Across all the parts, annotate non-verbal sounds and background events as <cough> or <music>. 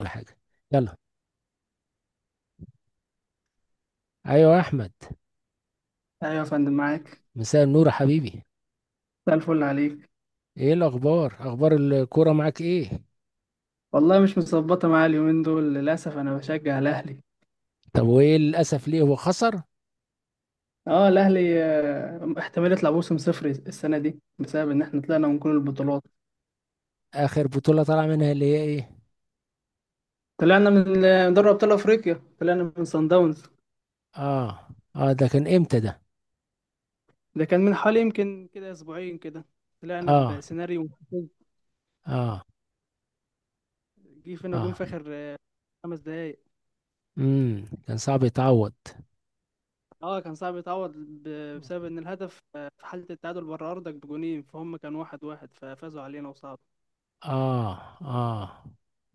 ولا حاجة. يلا. ايوه يا احمد. ايوه يا فندم، معاك. مساء النور يا حبيبي. مساء الفل عليك. ايه الاخبار، اخبار الكوره معاك ايه؟ والله مش متظبطه معايا اليومين دول للاسف، انا بشجع الاهلي. طب وايه للاسف، ليه هو خسر؟ اه الاهلي، احتمال يطلع موسم صفري السنه دي بسبب ان احنا طلعنا من كل البطولات. اخر بطولة طلع منها اللي هي ايه؟ طلعنا من دوري ابطال افريقيا، طلعنا من صن داونز. اه. اه ده كان امتى ده؟ ده كان من حوالي يمكن كده اسبوعين كده. طلعنا اه. بسيناريو محفز. اه. جه فينا جون اه. في اخر خمس دقايق. كان صعب يتعوض. اه كان صعب يتعوض بسبب ان الهدف في حاله التعادل بره ارضك بجونين، فهم كان واحد واحد، ففازوا علينا وصعد. اه. اه.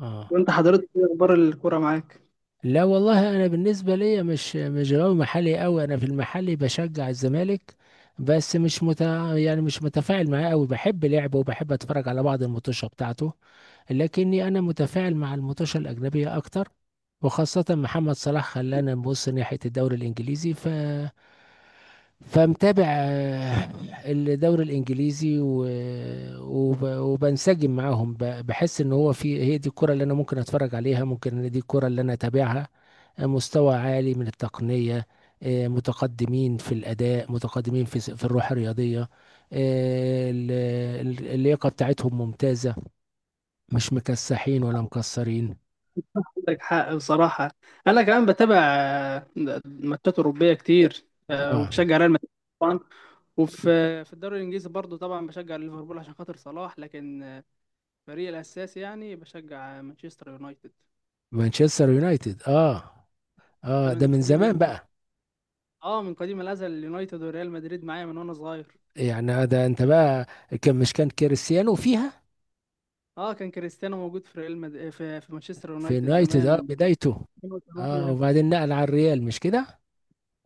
اه. وانت حضرتك ايه اخبار الكوره معاك؟ لا والله انا بالنسبة ليا مش غاوي محلي قوي، انا في المحلي بشجع الزمالك. بس مش مت... يعني مش متفاعل معاه قوي، بحب لعبه وبحب اتفرج على بعض الماتشات بتاعته. لكني أنا متفاعل مع المطوشة الأجنبية أكتر. وخاصة محمد صلاح خلانا نبص ناحية الدوري الإنجليزي، فمتابع الدوري الانجليزي وبنسجم معاهم، بحس ان هو هي دي الكرة اللي انا ممكن اتفرج عليها، ممكن إن دي الكرة اللي انا اتابعها. مستوى عالي من التقنية. متقدمين في الاداء، متقدمين في في الروح الرياضية. آه، ال- اللياقة بتاعتهم ممتازة. مش مكسحين ولا مكسرين. عندك حق بصراحه. انا كمان بتابع ماتشات اوروبيه كتير، اه. وبشجع ريال مدريد طبعا. وفي في الدوري الانجليزي برضو طبعا بشجع ليفربول عشان خاطر صلاح، لكن فريقي الاساسي يعني بشجع مانشستر يونايتد. مانشستر يونايتد. اه. ده اه ده من من قديم زمان الازل. بقى. اه، من قديم الازل، اليونايتد وريال مدريد معايا من وانا صغير. يعني ده انت بقى. كان مش كان كريستيانو فيها؟ اه، كان كريستيانو موجود في في مانشستر في يونايتد يونايتد، زمان اه من بدايته. اه 2008. وبعدين نقل على الريال، مش كده؟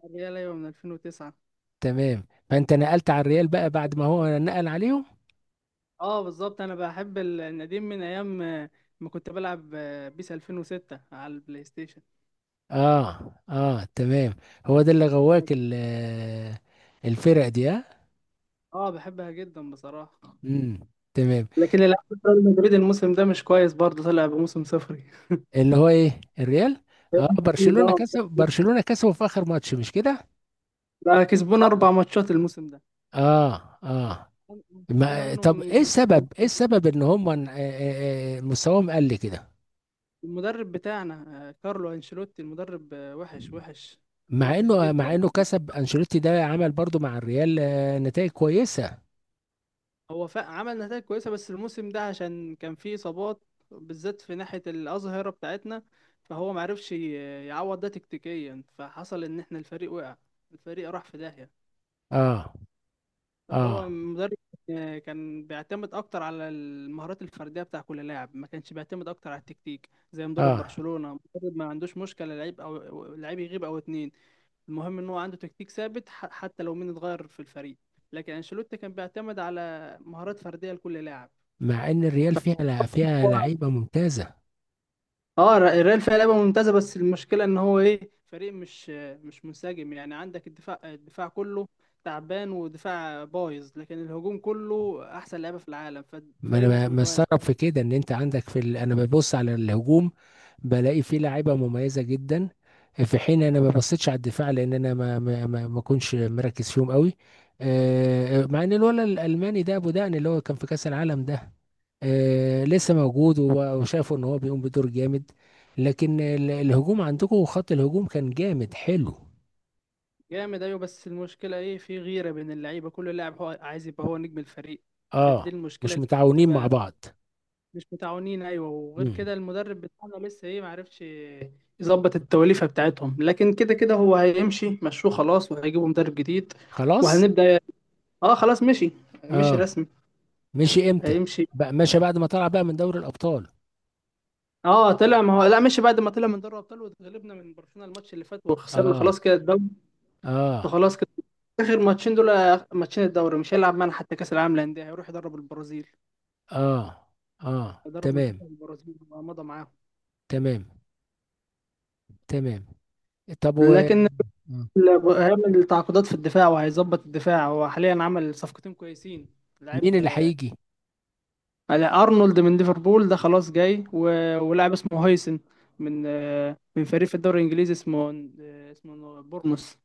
الريال ايوه من 2009. تمام، فانت نقلت على الريال بقى بعد ما هو نقل عليهم. اه بالظبط، انا بحب النديم من ايام ما كنت بلعب بيس 2006 على البلاي ستيشن. اه. اه تمام. هو ده اللي غواك الفرق دي؟ اه. اه بحبها جدا بصراحه. امم. تمام. لكن الالعاب ريال مدريد الموسم ده مش كويس، برضه طلع بموسم صفري. اللي هو ايه الريال؟ اه ده برشلونة كسبوا في اخر ماتش، مش كده؟ ده <laughs> كسبونا اربع ماتشات الموسم ده. اه. اه. كسبونا ما طب منهم. ايه السبب ان هم مستواهم قل كده؟ المدرب بتاعنا، كارلو انشيلوتي، المدرب وحش، وحش، مع وحش انه مع جدا. انه كسب انشيلوتي ده عمل برضو مع الريال نتائج كويسة. عمل نتائج كويسة، بس الموسم ده عشان كان فيه إصابات، بالذات في ناحية الأظهرة بتاعتنا، فهو معرفش يعوض ده تكتيكيا، فحصل إن إحنا الفريق وقع، الفريق راح في داهية. اه. فهو اه. مدرب كان بيعتمد أكتر على المهارات الفردية بتاع كل لاعب، ما كانش بيعتمد أكتر على التكتيك زي مدرب اه. برشلونة. مدرب ما عندوش مشكلة لعيب أو لعيب يغيب أو اتنين، المهم ان هو عنده تكتيك ثابت، حتى لو مين اتغير في الفريق. لكن انشيلوتي كان بيعتمد على مهارات فرديه لكل لاعب. مع ان الريال فيها هو- لعيبة ممتازة. اه الريال فيها لعبه ممتازه، بس المشكله ان هو ايه، فريق مش منسجم، يعني عندك الدفاع كله تعبان ودفاع بايظ، لكن الهجوم كله احسن لعيبه في العالم، ما فالفريق انا مش متوازن. مستغرب في كده ان انت عندك في انا ببص على الهجوم، بلاقي فيه لعيبه مميزه جدا، في حين انا ما بصيتش على الدفاع لان انا ما كنتش مركز فيهم قوي. مع ان الولد الالماني ده ابو دقن اللي هو كان في كاس العالم ده لسه موجود، وشافوا ان هو بيقوم بدور جامد. لكن الهجوم عندكم خط الهجوم كان جامد حلو. جامد، ايوه، بس المشكله ايه، في غيره بين اللعيبه، كل لاعب هو عايز يبقى هو نجم الفريق. فدي اه. المشكله مش اللي متعاونين مع بتبقى. بعض. مش متعاونين، ايوه، وغير مم. كده المدرب بتاعنا لسه ايه، معرفش يظبط التوليفه بتاعتهم، لكن كده كده هو هيمشي مشوه خلاص، وهيجيبوا مدرب جديد خلاص. وهنبدا. اه خلاص مشي، مشي اه. رسمي. مشي امتى؟ هيمشي. بقى مشى بعد ما طلع بقى من دوري الابطال؟ اه طلع، ما هو لا، مشي بعد ما طلع من دوري الابطال، واتغلبنا من برشلونه الماتش اللي فات، وخسرنا اه. خلاص كده الدوري. اه. فخلاص كده. اخر ماتشين دول، ماتشين الدوري مش هيلعب معانا، حتى كاس العالم للانديه هيروح يدرب البرازيل. اه. اه هيدرب تمام. منتخب البرازيل ومضى معاهم. تمام. تمام طب و... لكن آه. هيعمل تعاقدات في الدفاع، وهيظبط الدفاع، هو حاليا عمل صفقتين كويسين. مين لعيب اللي هيجي؟ على ارنولد من ليفربول، ده خلاص جاي، ولاعب اسمه هيسن من من فريق في الدوري الانجليزي اسمه بورنموث.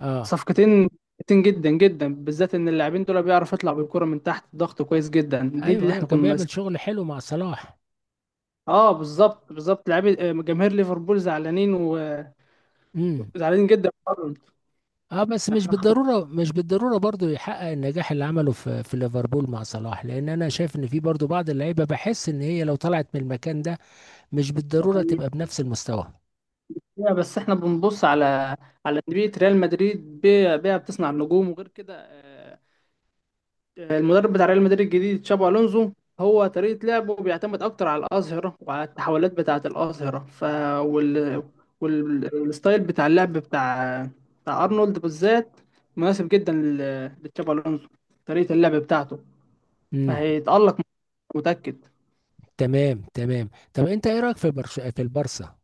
اه. صفقتين كويسين جدا جدا، بالذات ان اللاعبين دول بيعرف يطلع بالكرة من تحت الضغط كويس جدا، دي ايوه، اللي ايوه، احنا كان كنا بيعمل ناقصين. شغل حلو مع صلاح. اه بالظبط، بالظبط، لاعبي جماهير ليفربول زعلانين، امم. وزعلانين جدا من أرنولد. اه بس مش احنا خطأ، بالضروره، مش بالضروره برضو يحقق النجاح اللي عمله في ليفربول مع صلاح، لان انا شايف ان في برضو بعض اللعيبه بحس ان هي لو طلعت من المكان ده مش ده بالضروره حقيقي. تبقى بنفس المستوى. بس احنا بنبص على انديه ريال مدريد، بيها بتصنع النجوم. وغير كده، آه، المدرب بتاع ريال مدريد الجديد تشابي الونزو، هو طريقه لعبه بيعتمد اكتر على الاظهره وعلى التحولات بتاعه الاظهره، ف وال... والستايل بتاع اللعب بتاع ارنولد بالذات مناسب جدا لتشابي الونزو، طريقه اللعب بتاعته. امم. فهيتالق، متاكد. تمام. تمام طب انت ايه رايك في في البارسا؟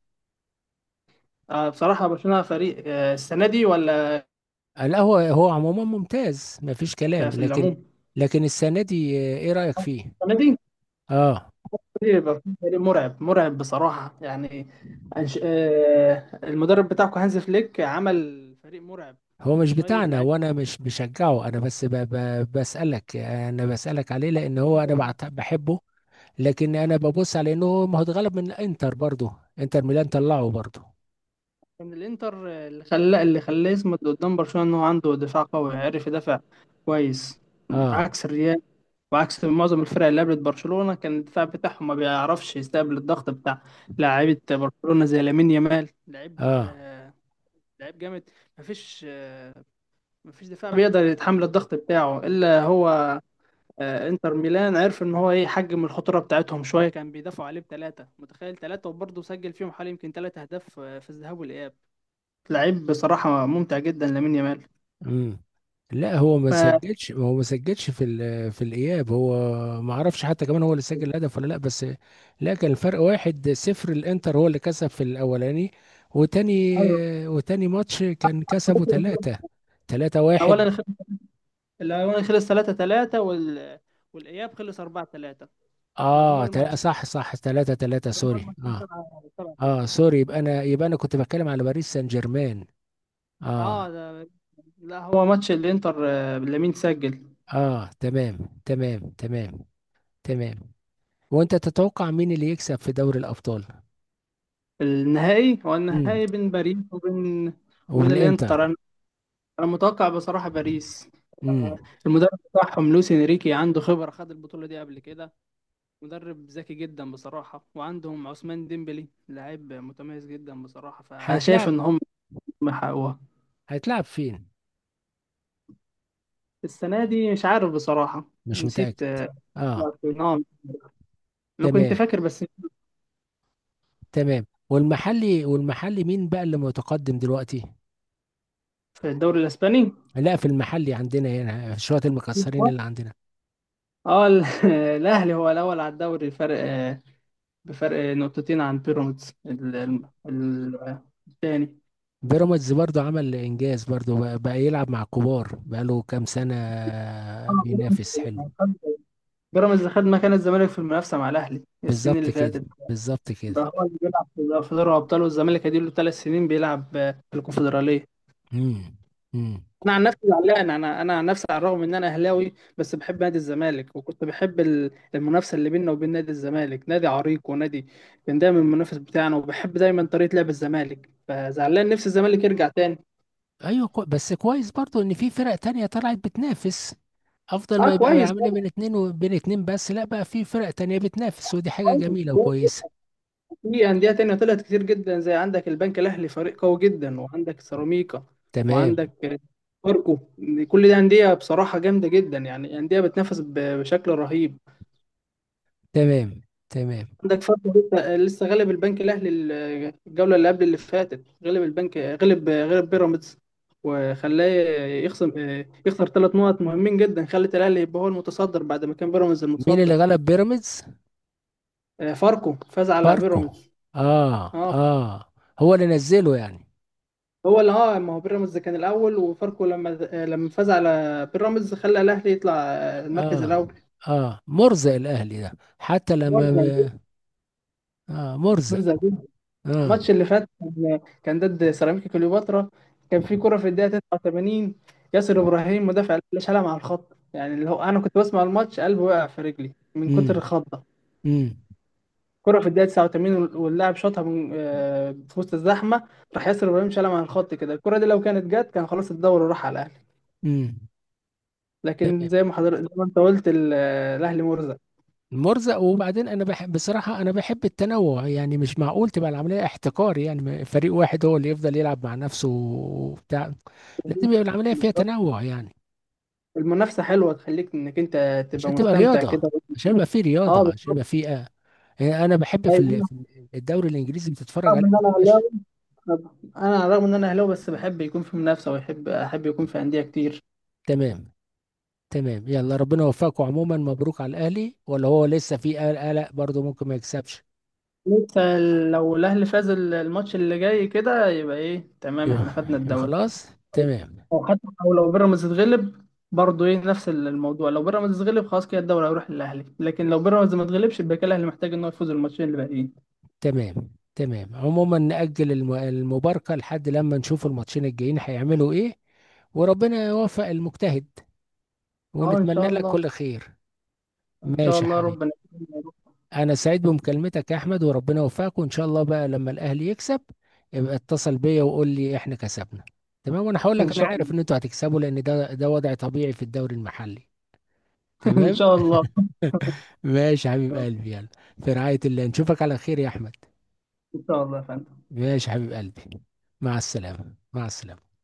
بصراحه برشلونه فريق، السنه دي ولا لا هو عموما ممتاز مفيش كلام، في العموم؟ لكن السنة دي ايه رأيك فيه؟ السنه دي اه. فريق مرعب، مرعب بصراحة يعني. أنش... آه، المدرب بتاعكم هانز فليك عمل فريق مرعب هو من مش شوية بتاعنا، لعيبة. وانا مش بشجعه، انا بس ب ب بسألك، انا بسألك عليه لان هو انا بحبه. لكن انا ببص على انه ما هو اتغلب من انتر برضه، انتر ميلان طلعه برضه. من الإنتر، اللي خلاه يصمد قدام برشلونة، إن هو عنده دفاع قوي، عرف يدافع كويس، اه. عكس الريال وعكس معظم الفرق اللي قابلت برشلونة، كان الدفاع بتاعهم ما بيعرفش يستقبل الضغط بتاع لاعيبة برشلونة زي لامين يامال، لعيب، اه. لعيب جامد. مفيش آه، مفيش دفاع بيقدر يتحمل الضغط بتاعه إلا هو. انتر ميلان عرف ان هو ايه، يحجم الخطوره بتاعتهم شويه، كان بيدافعوا عليه بثلاثه، متخيل ثلاثه، وبرضه سجل فيهم حوالي يمكن ثلاث اهداف في الذهاب والاياب. لعيب بصراحه ممتع جدا، لامين يامال. امم. لا هو ما ف بس سجلش، هو ما سجلش في في الاياب هو. ما اعرفش حتى كمان هو اللي سجل الهدف ولا لا بس. لا كان الفرق 1-0، الانتر هو اللي كسب في الاولاني. وتاني. أيوة. وتاني ماتش كان كسبه ثلاثة. 3-1. خلص الاول خلص 3 3، والاياب خلص 4 3. مجموع الماتش صح، صح، 3-3، مجموع سوري الماتشين اه. 7، 7 اه 6. سوري، يبقى انا كنت بتكلم على باريس سان جيرمان. اه. اه لا، هو ماتش الانتر، لامين سجل. اه تمام. تمام. تمام. تمام وانت تتوقع مين اللي يكسب في دوري الابطال؟ النهائي، هو النهائي بين باريس وبين الانتر. وبالانتر. انا متوقع بصراحه باريس. امم. المدرب بتاعهم لوis انريكي عنده خبرة، خد البطولة دي قبل كده، مدرب ذكي جدا بصراحة، وعندهم عثمان ديمبلي، لاعب متميز جدا بصراحة، فشايف هيتلعب. ان هم حققوها. هيتلعب فين؟ السنة دي مش عارف بصراحة، مش نسيت متأكد. اه نعم، انا كنت تمام. فاكر بس. تمام والمحلي، والمحلي مين بقى اللي متقدم دلوقتي؟ في الدوري الاسباني. لا في المحلي عندنا هنا شوية المكسرين اللي عندنا. اه <laughs> الاهلي هو الاول على الدوري، الفرق بفرق نقطتين عن بيراميدز الثاني. بيراميدز برضو عمل انجاز برضو، بقى يلعب مع كبار بقى له كام سنة، آه، بينافس بيراميدز حلو. خد بيراميدز خد مكان الزمالك في المنافسة مع الاهلي السنين بالظبط اللي كده. فاتت. بالظبط ده كده. هو اللي بيلعب في دوري الابطال، والزمالك اديله ثلاث سنين بيلعب في الكونفدراليه. امم. امم. انا عن نفسي زعلان، انا عن نفسي، على الرغم ان انا اهلاوي، بس بحب نادي الزمالك، وكنت بحب المنافسه اللي بيننا وبين نادي الزمالك. نادي عريق، ونادي كان دايما المنافس بتاعنا، وبحب دايما طريقه لعب الزمالك، فزعلان نفسي الزمالك يرجع تاني. بس كويس برضو ان في فرق تانية طلعت بتنافس. افضل اه ما يبقى كويس العمليه بين طبعا، اتنين وبين اتنين، بس لا بقى في فرق تانية بتنافس ودي حاجه جميله كويس. وكويسه. في أندية تانية طلعت كتير جدا، زي عندك البنك الأهلي، فريق قوي جدا، وعندك سيراميكا، تمام. وعندك فاركو. كل دي أندية بصراحة جامدة جدا يعني، أندية بتنافس بشكل رهيب. تمام. تمام. عندك فاركو لسه غلب البنك الأهلي الجولة اللي قبل اللي فاتت، غلب البنك، غلب بيراميدز، وخلاه يخصم، يخسر ثلاث نقط مهمين جدا، خلت الأهلي يبقى هو المتصدر، بعد ما كان بيراميدز مين اللي المتصدر. غلب بيراميدز؟ فاركو فاز على باركو. بيراميدز. اه. اه، اه. هو اللي نزله يعني؟ هو اللي اه، ما هو بيراميدز كان الاول، وفاركو لما فاز على بيراميدز خلى الاهلي يطلع المركز اه. الاول. اه مرزق الاهلي ده. حتى لما مرزق، آه مرزق مرزق. جدا. اه. الماتش اللي فات كان ضد سيراميكا كليوباترا، كان في كرة في الدقيقة 89، ياسر ابراهيم مدافع الاهلي شالها مع الخط، يعني اللي هو انا كنت بسمع الماتش، قلبي وقع في رجلي من كتر امم. الخضة. امم. كرة في الدقيقة 89، واللاعب شاطها من في وسط الزحمة، راح ياسر ابراهيم شالها مع الخط كده، الكرة دي لو كانت جت كان خلاص الدوري راح على الاهلي. امم. لكن زي ما حضرتك، زي ما انت قلت الاهلي مرزق. مرزق. وبعدين انا بحب بصراحه، انا بحب التنوع يعني، مش معقول تبقى العمليه احتكار، يعني فريق واحد هو اللي يفضل يلعب مع نفسه وبتاع. لازم يبقى العمليه فيها بالظبط، تنوع يعني. المنافسه حلوه، تخليك انك انت تبقى عشان تبقى مستمتع رياضه. كده. عشان يبقى في اه رياضه عشان بالظبط. يبقى في يعني انا بحب في ايوه، انا الدوري الانجليزي بتتفرج رغم عليه ان ما انا تبقاش. اهلاوي، بس بحب يكون في منافسه، ويحب احب يكون في انديه كتير. تمام. تمام يلا ربنا يوفقكم، عموما مبروك على الاهلي، ولا هو لسه في قلق برضه ممكن ما يكسبش؟ لسه، لو الاهلي فاز الماتش اللي جاي كده، يبقى ايه، تمام يبقى. احنا خدنا يبقى الدوري، خلاص. تمام. او حتى او لو بيراميدز اتغلب برضه ايه، نفس الموضوع. لو بيراميدز اتغلب خلاص كده الدوري هيروح للاهلي، لكن لو بيراميدز ما اتغلبش يبقى كده الاهلي محتاج ان هو يفوز الماتشين اللي باقيين. تمام. تمام عموما نأجل المباركة لحد لما نشوف الماتشين الجايين هيعملوا ايه. وربنا يوفق المجتهد. اه ان ونتمنى شاء لك الله. كل خير. ان شاء ماشي يا الله حبيبي. ربنا. انا سعيد بمكالمتك يا احمد، وربنا يوفقك، وان شاء الله بقى لما الاهلي يكسب يبقى اتصل بيا وقول لي احنا كسبنا. تمام وانا هقول ان لك، انا شاء عارف الله ان انتوا هتكسبوا لان ده وضع طبيعي في الدوري المحلي. <laughs> ان تمام. شاء الله <laughs> ماشي يا حبيب قلبي يلا. في رعاية الله، نشوفك على خير يا احمد. ان شاء الله يا فندم. ماشي يا حبيب قلبي. مع السلامة، مع السلامة.